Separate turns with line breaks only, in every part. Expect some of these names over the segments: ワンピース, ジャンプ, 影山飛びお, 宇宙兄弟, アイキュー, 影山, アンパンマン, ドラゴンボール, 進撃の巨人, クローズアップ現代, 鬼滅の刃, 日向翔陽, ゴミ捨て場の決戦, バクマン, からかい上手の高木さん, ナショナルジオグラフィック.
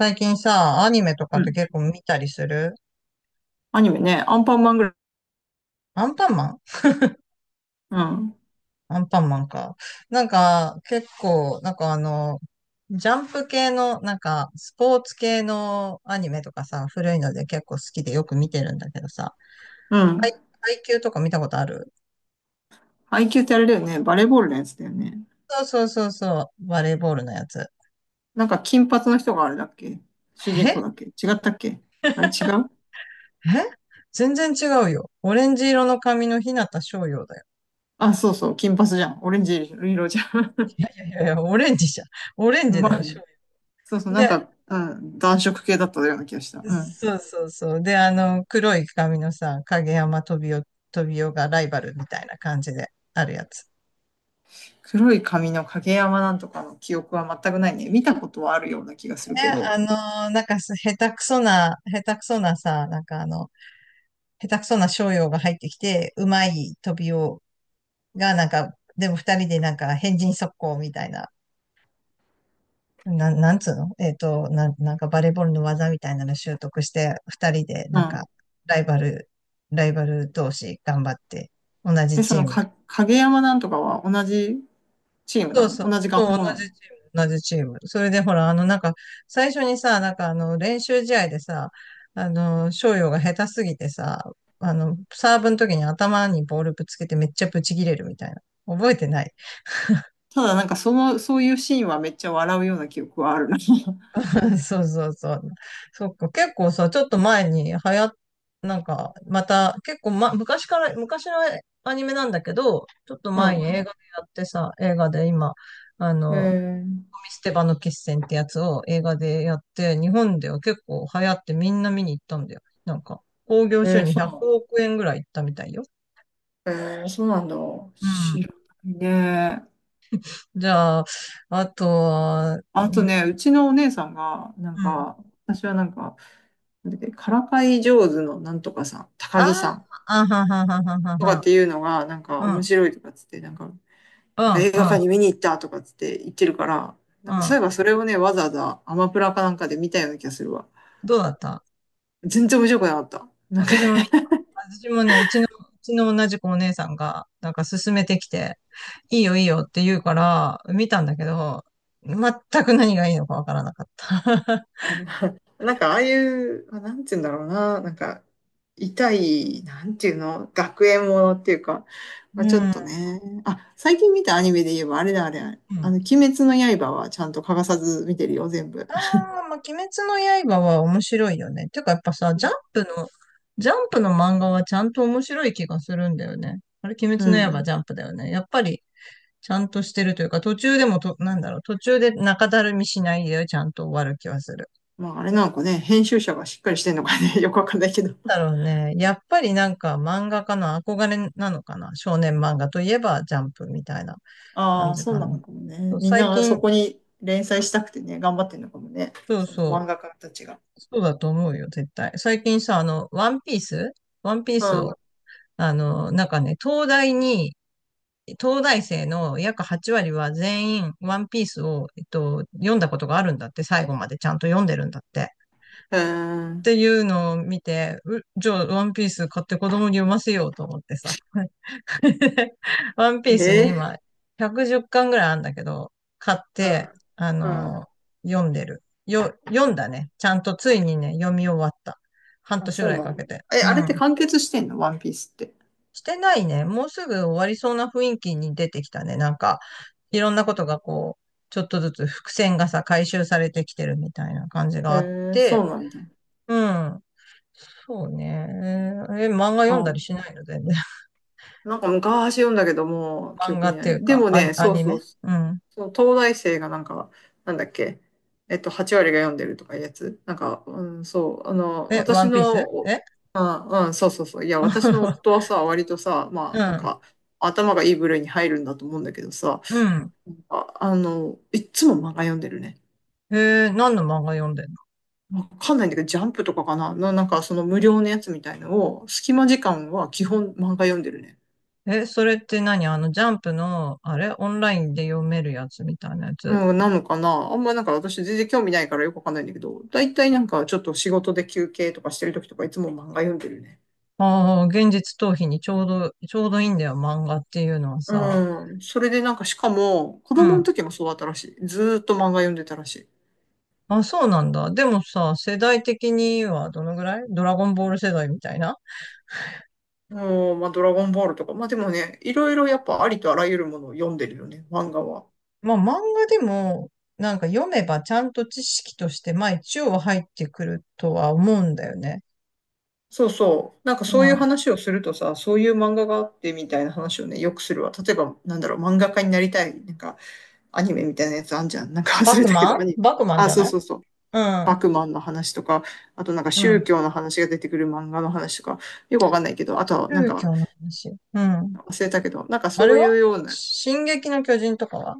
最近さ、アニメとか
う
って
ん。
結構見たりする？
アニメね。アンパンマンぐらい。
アンパンマン。
うん。
アンパンマンか。なんか、結構、なんかジャンプ系の、なんか、スポーツ系のアニメとかさ、古いので結構好きでよく見てるんだけどさ、
う
配、
ん。
配給とか見たことある？
アイキューってあれだよね。バレーボールのやつだよね。
そうそうそうそう、バレーボールのやつ。
なんか金髪の人があれだっけ主人公
え
だっけ違ったっけあれ違う？
え、全然違うよ。オレンジ色の髪の日向翔陽だよ。
あ、そうそう。金髪じゃん。オレンジ色じゃん。
いやいやいや、オレンジじゃん。オレ ンジだ
まあ
よ、翔
ね。
陽。
そうそう。うん。暖色系だったような気がした。うん。
そうそうそう。で、黒い髪のさ、影山飛びおがライバルみたいな感じであるやつ。
黒い髪の影山なんとかの記憶は全くないね。見たことはあるような気がする
え、
けど。
あのーなんかす、下手くそな、下手くそなさ、なんかあの、下手くそな商用が入ってきて、うまい飛びおが、なんか、でも二人でなんか、変人速攻みたいな、なんつうのなんかバレーボールの技みたいなの習得して、二人で
う
なんか、
ん。
ライバル、ライバル同士頑張って、同じ
で、そ
チ
の
ーム。
か、影山なんとかは同じチーム
そ
な
う
の？
そう。
同じ学
そう、
校
同
な
じ
の？
チーム、同じチーム。それでほら、あの、なんか、最初にさ、練習試合でさ、あの、翔陽が下手すぎてさ、あの、サーブの時に頭にボールぶつけてめっちゃブチ切れるみたいな。覚えてない？
ただなんかその、そういうシーンはめっちゃ笑うような記憶はあるな。
そうそうそう。そっか、結構さ、ちょっと前に流行っ、なんか、また、結構、ま、昔から、昔のアニメなんだけど、ちょっと
う
前に映画
ん。
でやってさ、映画で今、あの、ゴミ
え
捨て場の決戦ってやつを映画でやって、日本では結構流行ってみんな見に行ったんだよ。なんか、興行
ー、
収
えー、
入
そうな
100
の？
億円ぐらいいったみたいよ。
えー、そうなんだ。
う
知
ん。
らないね。
じゃあ、あとは。う
あと
ん、
ね、うちのお姉さんが、な
う
ん
ん。
か、私はなんか、なんだっけ、からかい上手のなんとかさん、
あ
高木さん
あ、あははははは
とかっ
は。
ていうのが、なんか
う
面
ん、
白いとかっつって、なん
う
か
ん、
映画
う
館
ん、
に見に行ったとかっつって言ってるから、な
う
んかそうい
ん。
えばそれをね、わざわざアマプラかなんかで見たような気がするわ。
どうだった？
全然面白くなかった。なんか
私も見た。私もね、うちの同じ子お姉さんが、なんか勧めてきて、いいよいいよって言うから、見たんだけど、全く何がいいのかわからなかった。
なんかああいう、まあ、なんて言うんだろうな、なんか、痛い、なんていうの、学園ものっていうか、
う
まあ、ちょっと
ん。
ね、あ、最近見たアニメで言えばあれだ、あれあれ
う
あ
ん。
の、鬼滅の刃はちゃんと欠かさず見てるよ、全部。
あ あ、まあ、鬼滅の刃は面白いよね。てかやっぱさ、ジャンプの漫画はちゃんと面白い気がするんだよね。あれ、鬼滅
う
の刃
ん。
ジャンプだよね。やっぱり、ちゃんとしてるというか、途中でもと、なんだろう、途中で中だるみしないで、ちゃんと終わる気はする。
まああれなんかね、編集者がしっかりしてんのかね、よくわかんないけど。
だろうね。やっぱりなんか漫画家の憧れなのかな。少年漫画といえばジャンプみたいな感
ああ、
じ
そう
か
な
な。
のかもね。
そう、
みんな
最
がそ
近、
こに連載したくてね、頑張ってんのかもね。
そう
その
そ
漫画家たちが。
う、そうだと思うよ、絶対。最近さ、あの、ワンピースワンピー
う
ス
ん。
を、あの、なんかね、東大生の約8割は全員ワンピースを、読んだことがあるんだって、最後までちゃんと読んでるんだって。
へ
っ
え。
ていうのを見て、じゃあワンピース買って子供に読ませようと思ってさ。ワンピー
へ
スね、
え
今、110巻ぐらいあるんだけど、買って、
ー。
あ
うん。う
の
ん。
ー読んでる。読んだね。ちゃんとついにね、読み終わった。半
あ、
年ぐ
そ
ら
う
い
な
か
ん
け
だ。
て。
え、
う
あれって
ん。
完結してんの、ワンピースって。
してないね。もうすぐ終わりそうな雰囲気に出てきたね。なんか、いろんなことがこう、ちょっとずつ伏線がさ、回収されてきてるみたいな感じがあっ
へえ、そ
て、
うなんだ。
うん。そうね。え、漫画読んだり
あ、
しないの全然？
なんか昔読んだけど、もう記
漫
憶
画
に
って
な
い
い。
う
で
か、
もね、
ア
そう
ニ
そ
メ。
う、
う
そ
ん。
の東大生がなんか、なんだっけ、えっと、8割が読んでるとかいうやつ。うん、そう、あの、
え、
私
ワンピー
の、
ス、
お
え。
あ、うん、そうそうそう。いや、私の
う
夫はさ、割とさ、まあ、なん
ん。
か、頭がいい部類に入るんだと思うんだけどさ、
うん。
あ、あの、いっつも漫画読んでるね。
何の漫画読んでん
わかんないんだけど、ジャンプとかかなな、なんかその無料のやつみたいのを、隙間時間は基本漫画読んでるね。
の？え、それって何？あの、ジャンプの、あれ、オンラインで読めるやつみたいなやつ？
うん、なのかな、あんまなんか私全然興味ないからよくわかんないんだけど、だいたいなんかちょっと仕事で休憩とかしてる時とかいつも漫画読んでるね。
ああー、現実逃避にちょうどいいんだよ、漫画っていうのはさ。
うん、それでなんかしかも、子
う
供の
ん。
時もそうだったらしい。ずーっと漫画読んでたらしい。
あ、そうなんだ。でもさ、世代的にはどのぐらいドラゴンボール世代みたいな？
うん、まあドラゴンボールとか、まあでもね、いろいろやっぱありとあらゆるものを読んでるよね、漫画は。
まあ漫画でも、なんか読めばちゃんと知識として、まあ一応は入ってくるとは思うんだよね。
そうそう。なんかそ
う
ういう
ん。
話をするとさ、そういう漫画があってみたいな話をね、よくするわ。例えば、なんだろう、漫画家になりたい、なんかアニメみたいなやつあんじゃん。なんか忘
バ
れ
ク
たけど、
マン
アニメ。
バクマン
あ、
じゃ
そう
ない？
そうそう。
う
バ
ん。
クマンの話とか、あとなんか
う
宗
ん。
教の話が出てくる漫画の話とか、よくわかんないけど、あとはなん
宗
か
教の話。うん。
忘れたけど、なんか
あれ
そういう
は？
ような、
進撃の巨人とかは？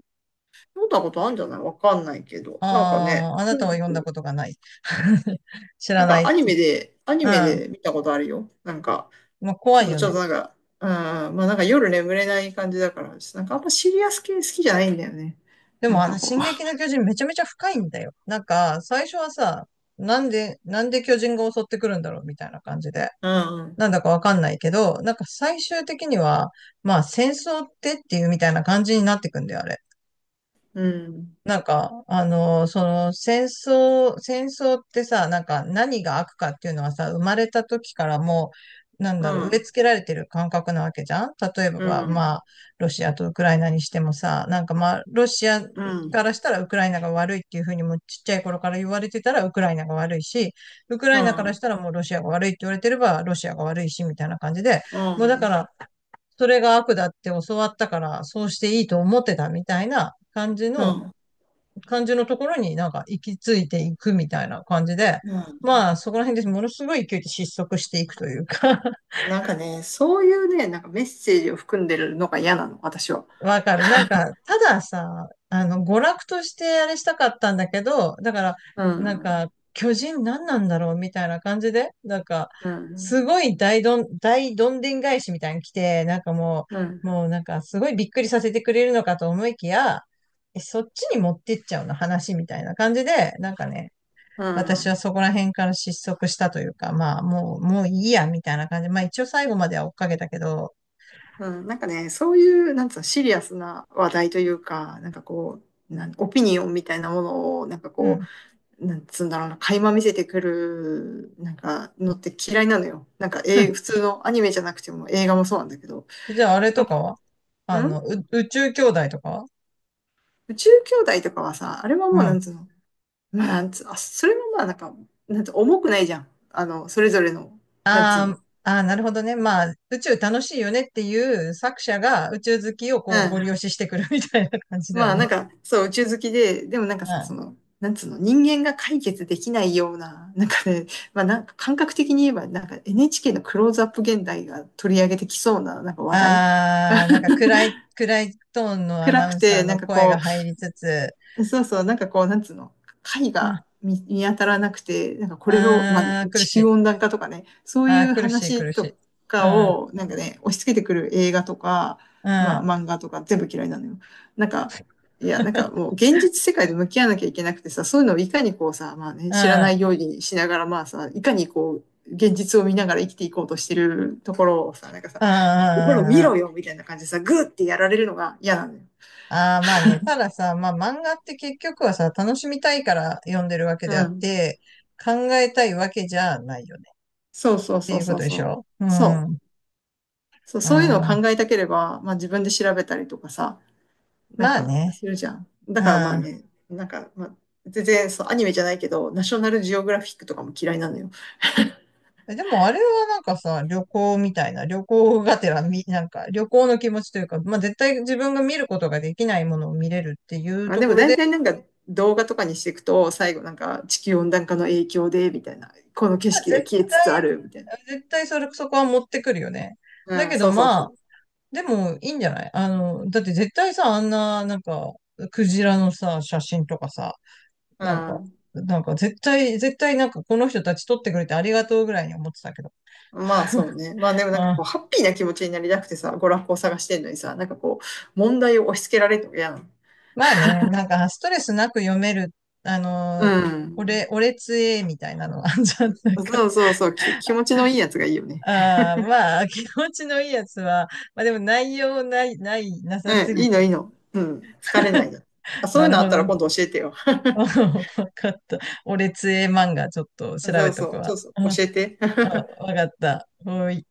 読んだことあるんじゃない、わかんないけど。なんかね、
ああー、あな
と
た
に
は
か
読んだ
く、
ことがない。知
な
ら
ん
ない。
か
うん。
アニメで、アニメ
ま
で見たことあるよ。なんか、
あ怖
た
い
だ
よ
ちょっ
ね。
となんか、うん、まあなんか夜眠れない感じだから、なんかあんまシリアス系好きじゃないんだよね。
で
なん
もあ
か
の、
こ
進撃の巨人めちゃめちゃ深いんだよ。なんか、最初はさ、なんで巨人が襲ってくるんだろうみたいな感じで。
う。うん、
なんだかわかんないけど、なんか最終的には、まあ戦争っていうみたいな感じになってくんだよ、あれ。
うん、
なんか、あの、その戦争ってさ、なんか何が悪かっていうのはさ、生まれた時からもう、なん
う
だろう、植え
ん、
付けられてる感覚なわけじゃん？例え
う
ば、ま
ん、
あ、ロシアとウクライナにしてもさ、なんかまあ、ロシア
うん、
からしたらウクライナが悪いっていうふうにもちっちゃい頃から言われてたらウクライナが悪いし、ウクラ
うん、
イナか
う
らし
ん、
たらもうロシアが悪いって言われてればロシアが悪いし、みたいな感じで、
う
もうだか
ん、
ら、それが悪だって教わったから、そうしていいと思ってたみたいな感じ
う
の、
ん。
ところになんか行き着いていくみたいな感じで、
うん、
まあそこら辺でものすごい勢いで失速していくというか。
なんかね、そういうね、なんかメッセージを含んでるのが嫌なの、私は。
わかる。なんか、たださ、あの、娯楽としてあれしたかったんだけど、だから、
う
なん
ん、
か、巨人何なんだろうみたいな感じで、なんか、
うん、
すごい大どんでん返しみたいに来て、なんか
うん、
もうなんかすごいびっくりさせてくれるのかと思いきや、え、そっちに持ってっちゃうの話みたいな感じで、なんかね、
う
私は
ん。
そこら辺から失速したというか、まあ、もういいや、みたいな感じ。まあ、一応最後までは追っかけたけど、
うん、なんかね、そういう、なんつうの、シリアスな話題というか、なんかこう、なんオピニオンみたいなものを、なんか
う
こ
ん。
う、なんつうんだろうな、垣間見せてくる、なんか、のって嫌いなのよ。なんか、
う
え
ん。
ー普通のアニメじゃなくても映画もそうなんだけど。
じゃあ、あれとかは？あ
ん、
の、宇宙兄弟とかは？
宇宙兄弟とかはさ、あれはも
う
うなん
ん。
つうの、まあ、なんつう、あ、それもまあなんか、なんつう、重くないじゃん。あの、それぞれの、なんつう
あー
の。
あー、なるほどね。まあ、宇宙楽しいよねっていう作者が宇宙好きを
う
こうご利
ん。
用ししてくる みたいな感じだ
ま
よ
あ
ね。
なんか、そう、宇宙好きで、でもなんか
うん。
さ、そ
あ
の、なんつうの、人間が解決できないような、なんかね、まあなんか感覚的に言えば、なんか NHK のクローズアップ現代が取り上げてきそうな、なんか話題。
あ、なん か暗いトーンのア
暗
ナ
く
ウンサ
て、
ー
なん
の
か
声が
こ
入りつつ、
う、そうそう、なんかこう、なんつうの、貝
あ
が見、見当たらなくて、なんかこれを、まあ、
あー、苦
地
し
球
い。
温暖化とかね、そう
ああ、
いう
苦しい、
話
苦し
と
い。う
か
ん、
を、なんかね、押し付けてくる映画とか、
う
ま
ん。
あ、漫画とか全部嫌いなのよ。なんか、いや、なんかもう現実世界で向き合わなきゃいけなくてさ、そういうのをいかにこうさ、まあね、
う
知ら
ん。う
ない
ん
ようにしながら、まあさ、いかにこう、現実を見ながら生きていこうとしてるところをさ、なんかさ、
うん
ほら
う
見
んう
ろ
ん。
よみたいな感じでさ、グーってやられるのが嫌なのよ。
ああ、まあね。たださ、まあ漫画って結局はさ、楽しみたいから読んでるわけ
う
であっ
ん。
て、考えたいわけじゃないよね。
そう
っ
そう
て
そ
い
う
うこ
そう
とで
そ
し
う。
ょうん。う
そ
ん。
う。そう、
ま
そういうのを考えたければ、まあ自分で調べたりとかさ、なん
あ
か
ね。
するじゃん。だ
う
からまあ
ん。
ね、なんか、まあ、全然そう、アニメじゃないけど、ナショナルジオグラフィックとかも嫌いなのよ。
え、でもあれはなんかさ、旅行みたいな、旅行がてらみ、なんか旅行の気持ちというか、まあ絶対自分が見ることができないものを見れるっていう
あ、
と
で
こ
も
ろ
大体
で、
なんか動画とかにしていくと、最後なんか地球温暖化の影響で、みたいな、この景
まあ
色が
絶
消えつつある、みたい
対、絶対それ、そこは持ってくるよね。だ
な。うん、
けど
そうそう
ま
そ
あ、
う。
でも、いいんじゃない？あの、だって絶対さ、あんな、なんか、クジラのさ、写真とかさ、
う
なんか、
ん、
なんか絶対なんかこの人たち撮ってくれてありがとうぐらいに思ってたけど。
まあそうね。まあでも
う
なんか
ん。
こう、ハッピーな気持ちになりたくてさ、娯楽を探してんのにさ、なんかこう、問題を押し付けられるのやん。
まあね、なんかストレスなく読める、あ
う
の、
ん。
俺つえみたいなのあんじゃん。なんか
そうそうそう、き、気持ちのいいやつがいいよね。
ああ、まあ、気持ちのいいやつは、まあでも内容ない、ない、なさ
う
す
ん、
ぎ
いいの
て。
いいの。うん、疲れないの。あ、そうい
な
う
る
のあ
ほ
ったら今度
ど。
教えてよ。
わかった。俺つえ漫画ちょっと調
そ
べ
う
と
そ
く
う、ち
わ。
ょっと
うん。
教えて。
あ、わかった。もうい